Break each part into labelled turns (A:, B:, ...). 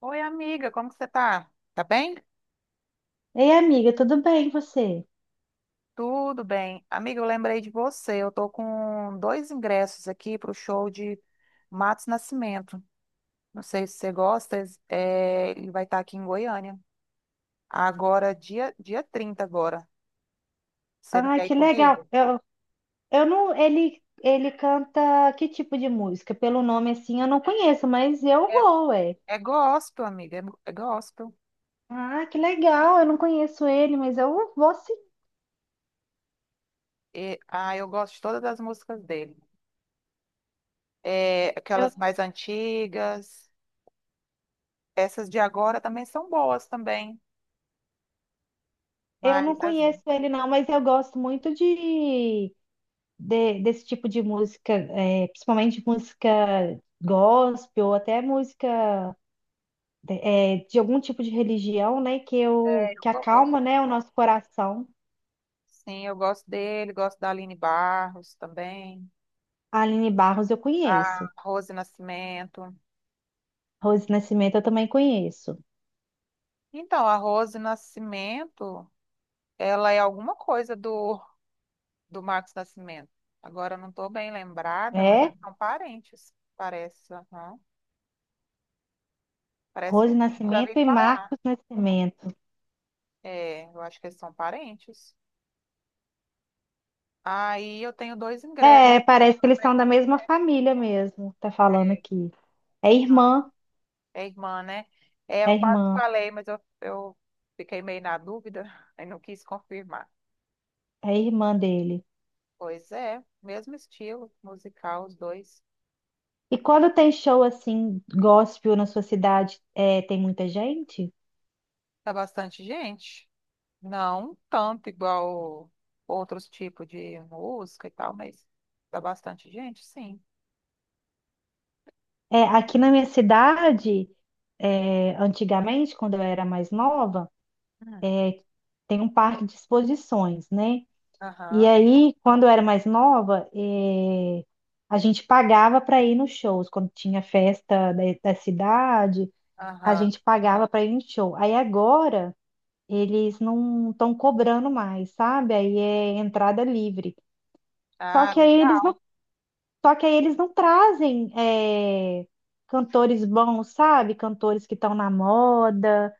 A: Oi, amiga, como que você tá? Tá bem?
B: Ei, amiga, tudo bem e você?
A: Tudo bem. Amiga, eu lembrei de você. Eu tô com dois ingressos aqui pro show de Matos Nascimento. Não sei se você gosta, é, ele vai estar aqui em Goiânia. Agora, dia 30 agora. Você não
B: Ai,
A: quer ir
B: que legal.
A: comigo?
B: Eu não, ele, canta que tipo de música? Pelo nome assim, eu não conheço, mas eu
A: É,
B: vou, ué.
A: é, gospel, amiga, é gospel.
B: Ah, que legal. Eu não conheço ele, mas eu vou sim.
A: E, ah, eu gosto de todas as músicas dele. É,
B: Eu,
A: aquelas mais antigas, essas de agora também são boas também.
B: eu não
A: Mas as,
B: conheço ele não, mas eu gosto muito de, desse tipo de música, principalmente música gospel ou até música de algum tipo de religião, né?
A: é, eu
B: Que
A: gosto.
B: acalma, né, o nosso coração.
A: Sim, eu gosto dele, gosto da Aline Barros também,
B: A Aline Barros eu
A: a
B: conheço.
A: Rose Nascimento.
B: Rose Nascimento eu também conheço.
A: Então, a Rose Nascimento, ela é alguma coisa do Marcos Nascimento. Agora, eu não estou bem lembrada, mas
B: É?
A: eles são parentes, parece. Aham. Parece que
B: Rose
A: sim, já vi
B: Nascimento e
A: falar.
B: Marcos Nascimento.
A: É, eu acho que eles são parentes. Aí eu tenho dois ingressos.
B: É, parece que eles são da mesma família mesmo, tá falando
A: É,
B: aqui. É
A: não,
B: irmã,
A: é irmã, né? É,
B: é
A: eu quase
B: irmã,
A: falei, mas eu fiquei meio na dúvida e não quis confirmar.
B: é irmã dele.
A: Pois é, mesmo estilo musical, os dois.
B: E quando tem show assim, gospel na sua cidade, é, tem muita gente?
A: Tá bastante gente. Não tanto igual outros tipos de música e tal, mas tá bastante gente, sim.
B: É, aqui na minha cidade, antigamente, quando eu era mais nova,
A: Hum.
B: tem um parque de exposições, né? E
A: Aham,
B: aí, quando eu era mais nova, a gente pagava para ir nos shows. Quando tinha festa da, da cidade, a
A: aham.
B: gente pagava para ir no show. Aí agora, eles não estão cobrando mais, sabe? Aí é entrada livre. Só
A: Ah,
B: que aí eles
A: legal.
B: não, só que aí eles não trazem, eh, cantores bons, sabe? Cantores que estão na moda,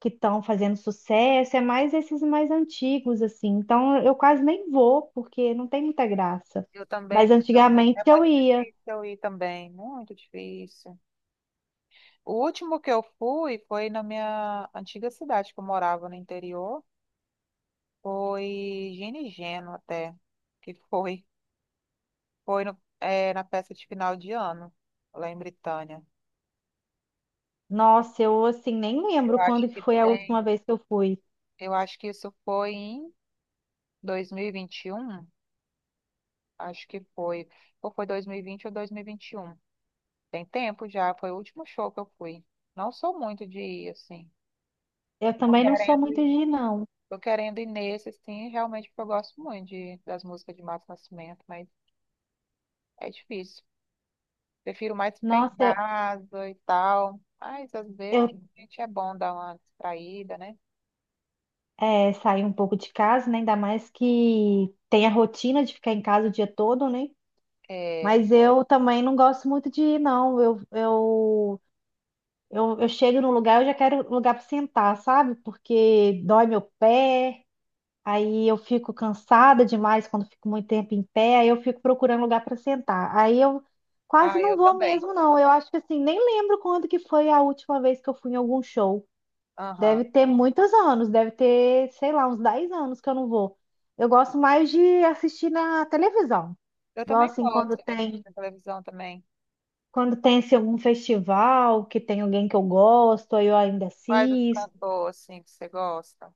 B: que estão fazendo sucesso, é mais esses mais antigos, assim. Então eu quase nem vou, porque não tem muita graça.
A: Eu também.
B: Mas antigamente
A: É
B: eu
A: muito
B: ia.
A: difícil eu ir também, muito difícil. O último que eu fui foi na minha antiga cidade que eu morava no interior. Foi Gini Geno até, que foi. Foi na peça de final de ano, lá em Britânia.
B: Nossa, eu assim nem
A: Eu
B: lembro
A: acho
B: quando que
A: que
B: foi a
A: tem.
B: última vez que eu fui.
A: Eu acho que isso foi em 2021. Acho que foi. Ou foi 2020 ou 2021. Tem tempo já, foi o último show que eu fui. Não sou muito de ir, assim.
B: Eu
A: Tô
B: também não sou
A: querendo
B: muito de
A: ir.
B: ir, não.
A: Tô querendo ir nesse, assim, realmente, porque eu gosto muito das músicas de Mato Nascimento, mas é difícil. Prefiro mais ficar em
B: Nossa, eu,
A: casa e tal. Mas às vezes
B: eu
A: a gente é bom dar uma distraída, né?
B: é, saí um pouco de casa, né? Ainda mais que tem a rotina de ficar em casa o dia todo, né?
A: É.
B: Mas eu também não gosto muito de ir, não. Eu chego num lugar, eu já quero um lugar para sentar, sabe? Porque dói meu pé, aí eu fico cansada demais quando fico muito tempo em pé, aí eu fico procurando lugar para sentar. Aí eu quase
A: Ah,
B: não
A: eu
B: vou
A: também.
B: mesmo, não. Eu acho que assim, nem lembro quando que foi a última vez que eu fui em algum show.
A: Aham.
B: Deve ter muitos anos, deve ter, sei lá, uns 10 anos que eu não vou. Eu gosto mais de assistir na televisão.
A: Eu também
B: Gosto assim
A: gosto
B: quando
A: de
B: tem.
A: de televisão também.
B: Quando tem assim, algum festival que tem alguém que eu gosto, aí eu ainda
A: Quais o
B: assisto.
A: cantor, assim, que você gosta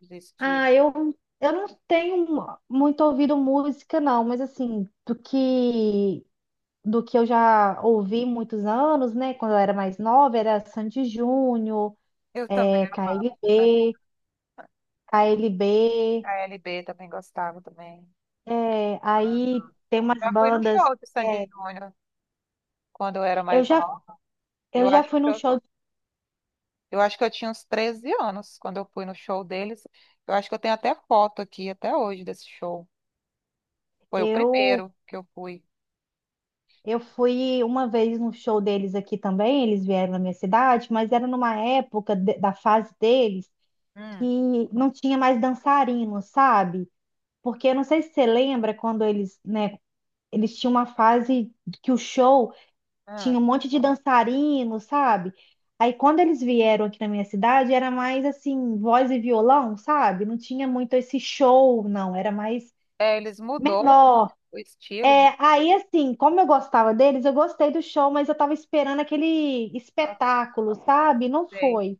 A: de estilo?
B: Ah, eu não tenho muito ouvido música, não, mas assim, do que eu já ouvi muitos anos, né? Quando eu era mais nova, era Sandy Júnior,
A: Eu também amava, sabe?
B: KLB, KLB,
A: ALB também gostava também.
B: é, aí
A: Aham.
B: tem umas
A: Já fui no
B: bandas.
A: show de
B: é,
A: Sandy Júnior quando eu era
B: eu
A: mais
B: já,
A: nova.
B: eu
A: Eu
B: já
A: acho
B: fui
A: que
B: num
A: eu,
B: show,
A: eu acho que eu tinha uns 13 anos quando eu fui no show deles. Eu acho que eu tenho até foto aqui até hoje desse show. Foi o
B: eu,
A: primeiro que eu fui.
B: eu fui uma vez num show deles aqui também, eles vieram na minha cidade, mas era numa época da fase deles que
A: Hum,
B: não tinha mais dançarino, sabe? Porque eu não sei se você lembra quando eles, né, eles tinham uma fase que o show tinha
A: hum.
B: um monte de dançarino, sabe? Aí quando eles vieram aqui na minha cidade, era mais assim, voz e violão, sabe? Não tinha muito esse show, não, era mais
A: É, eles mudou
B: menor.
A: o estilo.
B: É, aí assim, como eu gostava deles, eu gostei do show, mas eu tava esperando aquele
A: Ah,
B: espetáculo, sabe? Não
A: sei.
B: foi.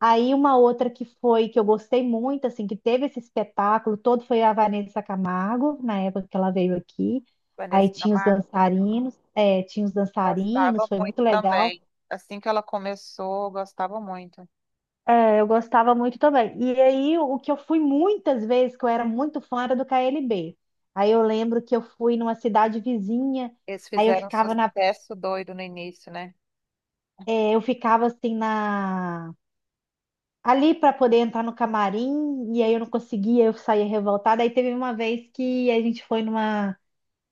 B: Aí uma outra que foi, que eu gostei muito, assim, que teve esse espetáculo todo foi a Vanessa Camargo, na época que ela veio aqui. Aí
A: Vanessa
B: tinha os
A: Camargo,
B: dançarinos, tinha os dançarinos,
A: gostava
B: foi
A: muito
B: muito legal.
A: também. Assim que ela começou, gostava muito.
B: É, eu gostava muito também. E aí o que eu fui muitas vezes, que eu era muito fã, era do KLB. Aí eu lembro que eu fui numa cidade vizinha,
A: Eles
B: aí eu
A: fizeram um
B: ficava na,
A: sucesso doido no início, né?
B: eu ficava assim na ali para poder entrar no camarim, e aí eu não conseguia, eu saía revoltada. Aí teve uma vez que a gente foi numa,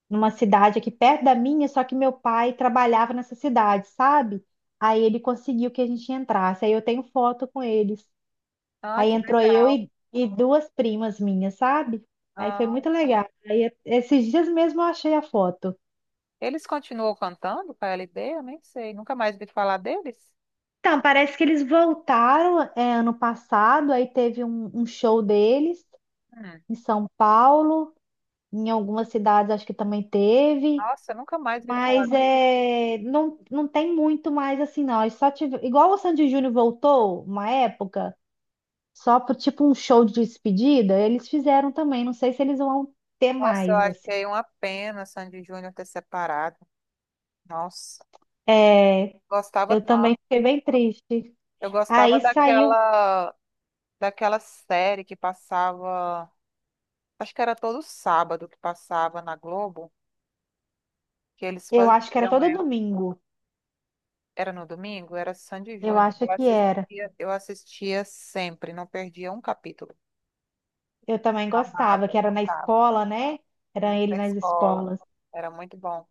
B: numa cidade aqui perto da minha, só que meu pai trabalhava nessa cidade, sabe? Aí ele conseguiu que a gente entrasse. Aí eu tenho foto com eles.
A: Ah,
B: Aí
A: que
B: entrou eu
A: legal.
B: e duas primas minhas, sabe? Aí foi
A: Ah,
B: muito legal. Aí esses dias mesmo eu achei a foto.
A: eles continuam cantando com a LB? Eu nem sei. Nunca mais vi falar deles?
B: Então, parece que eles voltaram, é, ano passado, aí teve um show deles
A: Hum.
B: em São Paulo. Em algumas cidades acho que também teve,
A: Nossa, eu nunca mais vi falar
B: mas
A: deles.
B: é, não, não tem muito mais assim, não. Eles só tive, igual o Sandy Júnior voltou uma época, só por tipo um show de despedida, eles fizeram também. Não sei se eles vão ter
A: Nossa, eu
B: mais, assim.
A: achei uma pena Sandy Júnior ter separado. Nossa,
B: É,
A: gostava
B: eu também
A: tanto.
B: fiquei bem triste.
A: Eu gostava
B: Aí saiu,
A: daquela série que passava. Acho que era todo sábado que passava na Globo que eles
B: eu acho que era
A: faziam,
B: todo
A: é,
B: domingo.
A: era no domingo, era Sandy
B: Eu
A: Júnior.
B: acho
A: Eu
B: que era.
A: assistia, eu assistia sempre, não perdia um capítulo.
B: Eu também
A: Eu
B: gostava,
A: amava,
B: que era na
A: gostava,
B: escola, né? Era
A: né? Da
B: ele nas
A: escola,
B: escolas.
A: era muito bom.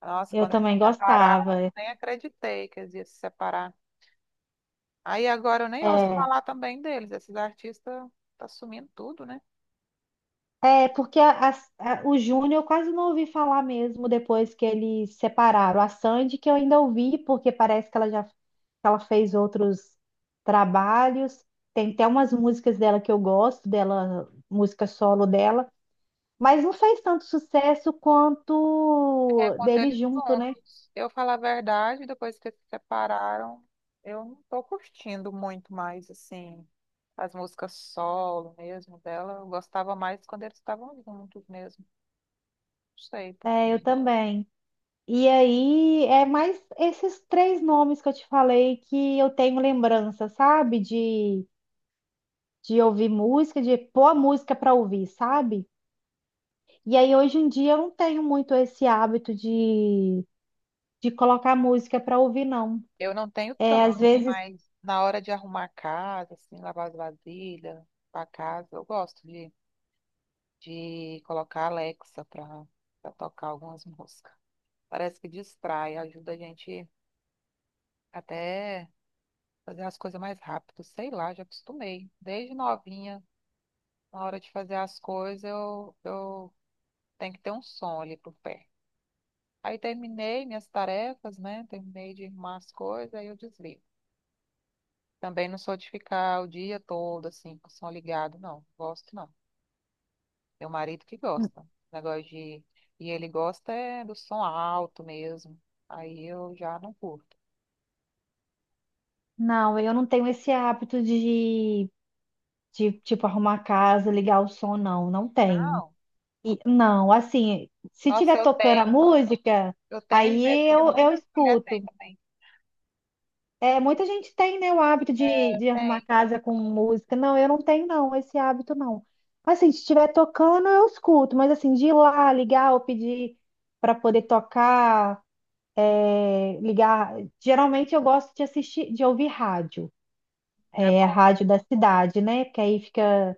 A: Nossa,
B: Eu
A: quando eles
B: também
A: se separaram,
B: gostava.
A: nem acreditei que eles iam se separar. Aí agora eu nem ouço
B: É.
A: falar também deles, esses artistas tá sumindo tudo, né?
B: É porque o Júnior eu quase não ouvi falar mesmo depois que eles separaram. A Sandy que eu ainda ouvi, porque parece que ela já que ela fez outros trabalhos. Tem até umas músicas dela que eu gosto, dela, música solo dela, mas não fez tanto sucesso
A: É,
B: quanto
A: quando
B: deles
A: eles
B: junto, né?
A: juntos. Eu falo a verdade, depois que eles se separaram, eu não tô curtindo muito mais, assim, as músicas solo mesmo dela. Eu gostava mais quando eles estavam juntos mesmo. Não sei
B: É,
A: porque.
B: eu também. E aí é mais esses três nomes que eu te falei que eu tenho lembrança, sabe? De ouvir música, de pôr a música para ouvir, sabe? E aí hoje em dia eu não tenho muito esse hábito de colocar música para ouvir, não.
A: Eu não tenho
B: É, às
A: tanto,
B: vezes,
A: mas na hora de arrumar a casa, assim, lavar as vasilhas, a casa, eu gosto de colocar a Alexa pra tocar algumas músicas. Parece que distrai, ajuda a gente até fazer as coisas mais rápido, sei lá, já acostumei. Desde novinha, na hora de fazer as coisas, eu tenho que ter um som ali pro pé. Aí terminei minhas tarefas, né? Terminei de arrumar as coisas, aí eu desligo. Também não sou de ficar o dia todo assim, com o som ligado, não. Gosto não. Meu marido que gosta. Negócio de. E ele gosta é do som alto mesmo. Aí eu já não curto.
B: não, eu não tenho esse hábito de, tipo, arrumar a casa, ligar o som, não, não tenho.
A: Não.
B: E, não, assim, se
A: Nossa,
B: tiver
A: eu
B: tocando
A: tenho,
B: a música,
A: eu tenho e
B: aí
A: vejo que
B: eu
A: muitas mulheres têm
B: escuto.
A: também.
B: É, muita gente tem, né, o hábito
A: É,
B: de arrumar
A: tem.
B: casa com música. Não, eu não tenho, não, esse hábito não. Assim, se estiver tocando, eu escuto, mas assim, de ir lá, ligar ou pedir para poder tocar, é, ligar. Geralmente eu gosto de assistir, de ouvir rádio,
A: É
B: a
A: bom.
B: rádio da cidade, né? Que aí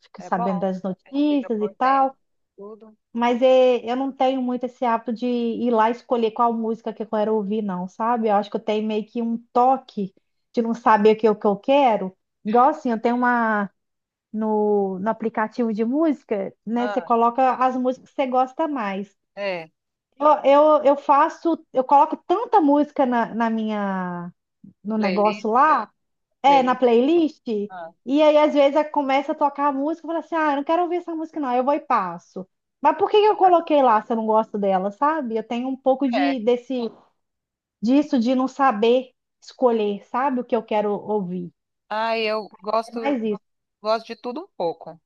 B: fica
A: É
B: sabendo
A: bom.
B: das
A: A gente fica
B: notícias e
A: por dentro,
B: tal.
A: tudo.
B: Mas é, eu não tenho muito esse hábito de ir lá escolher qual música que eu quero ouvir, não, sabe? Eu acho que eu tenho meio que um toque de não saber o que, o que eu quero. Igual assim, eu tenho uma no aplicativo de música, né? Você
A: Ah,
B: coloca as músicas que você gosta mais.
A: é.
B: Eu, eu coloco tanta música na minha, no
A: Playlist,
B: negócio lá na
A: playlist.
B: playlist.
A: Ah,
B: E aí, às vezes, começa a tocar a música e fala assim: ah, eu não quero ouvir essa música, não, eu vou e passo. Mas por que que eu coloquei lá se eu não gosto dela, sabe? Eu tenho um pouco
A: é.
B: de, desse, disso de não saber escolher, sabe, o que eu quero ouvir.
A: Ah, eu
B: É
A: gosto,
B: mais isso.
A: gosto de tudo um pouco.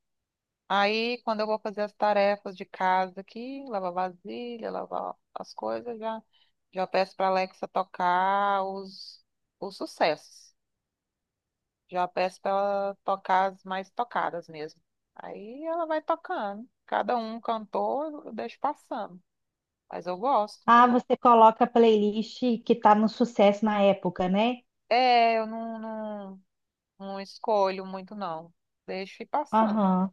A: Aí, quando eu vou fazer as tarefas de casa aqui, lavar vasilha, lavar as coisas, já, já peço para Alexa tocar os sucessos. Já peço para ela tocar as mais tocadas mesmo. Aí ela vai tocando. Cada um cantor, eu deixo passando. Mas eu gosto.
B: Ah, você coloca a playlist que tá no sucesso na época, né?
A: É, eu não, não, não escolho muito, não. Deixo ir passando.
B: Aham.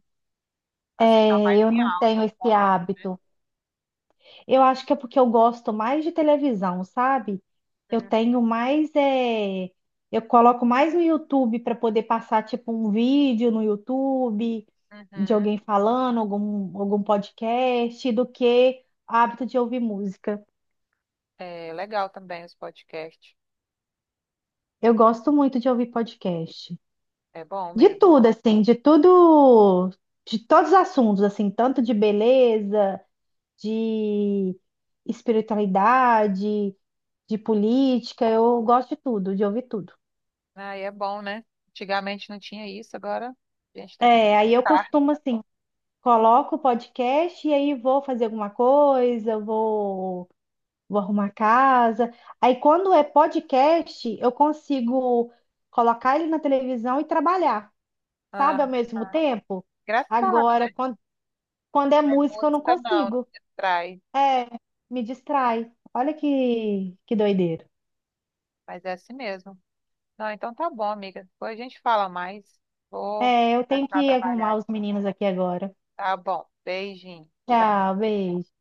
A: As que estão
B: É,
A: mais
B: eu
A: em
B: não
A: alta
B: tenho
A: no
B: esse
A: momento, né?
B: hábito. Eu acho que é porque eu gosto mais de televisão, sabe? Eu
A: Hum,
B: tenho mais, eu coloco mais no YouTube para poder passar tipo um vídeo no YouTube de
A: uhum.
B: alguém falando, algum podcast, do que hábito de ouvir música.
A: É legal também os podcasts.
B: Eu gosto muito de ouvir podcast.
A: É bom
B: De
A: mesmo.
B: tudo, assim, de tudo, de todos os assuntos, assim, tanto de beleza, de espiritualidade, de política, eu gosto de tudo, de ouvir tudo.
A: Aí é bom, né? Antigamente não tinha isso, agora a gente tem que
B: É, aí eu
A: aceitar.
B: costumo assim, coloco o podcast e aí vou fazer alguma coisa, vou arrumar a casa. Aí quando é podcast, eu consigo colocar ele na televisão e trabalhar,
A: Ah,
B: sabe, ao mesmo
A: ah.
B: tempo.
A: Engraçado, né?
B: Agora, quando é
A: É
B: música, eu não
A: música não,
B: consigo.
A: trai.
B: É, me distrai. Olha que doideira.
A: Mas é assim mesmo. Não, então tá bom, amiga. Depois a gente fala mais. Vou
B: É, eu tenho
A: começar a
B: que
A: trabalhar
B: arrumar os
A: aqui.
B: meninos aqui agora.
A: Tá bom. Beijinho.
B: Tchau,
A: Tchau.
B: beijo.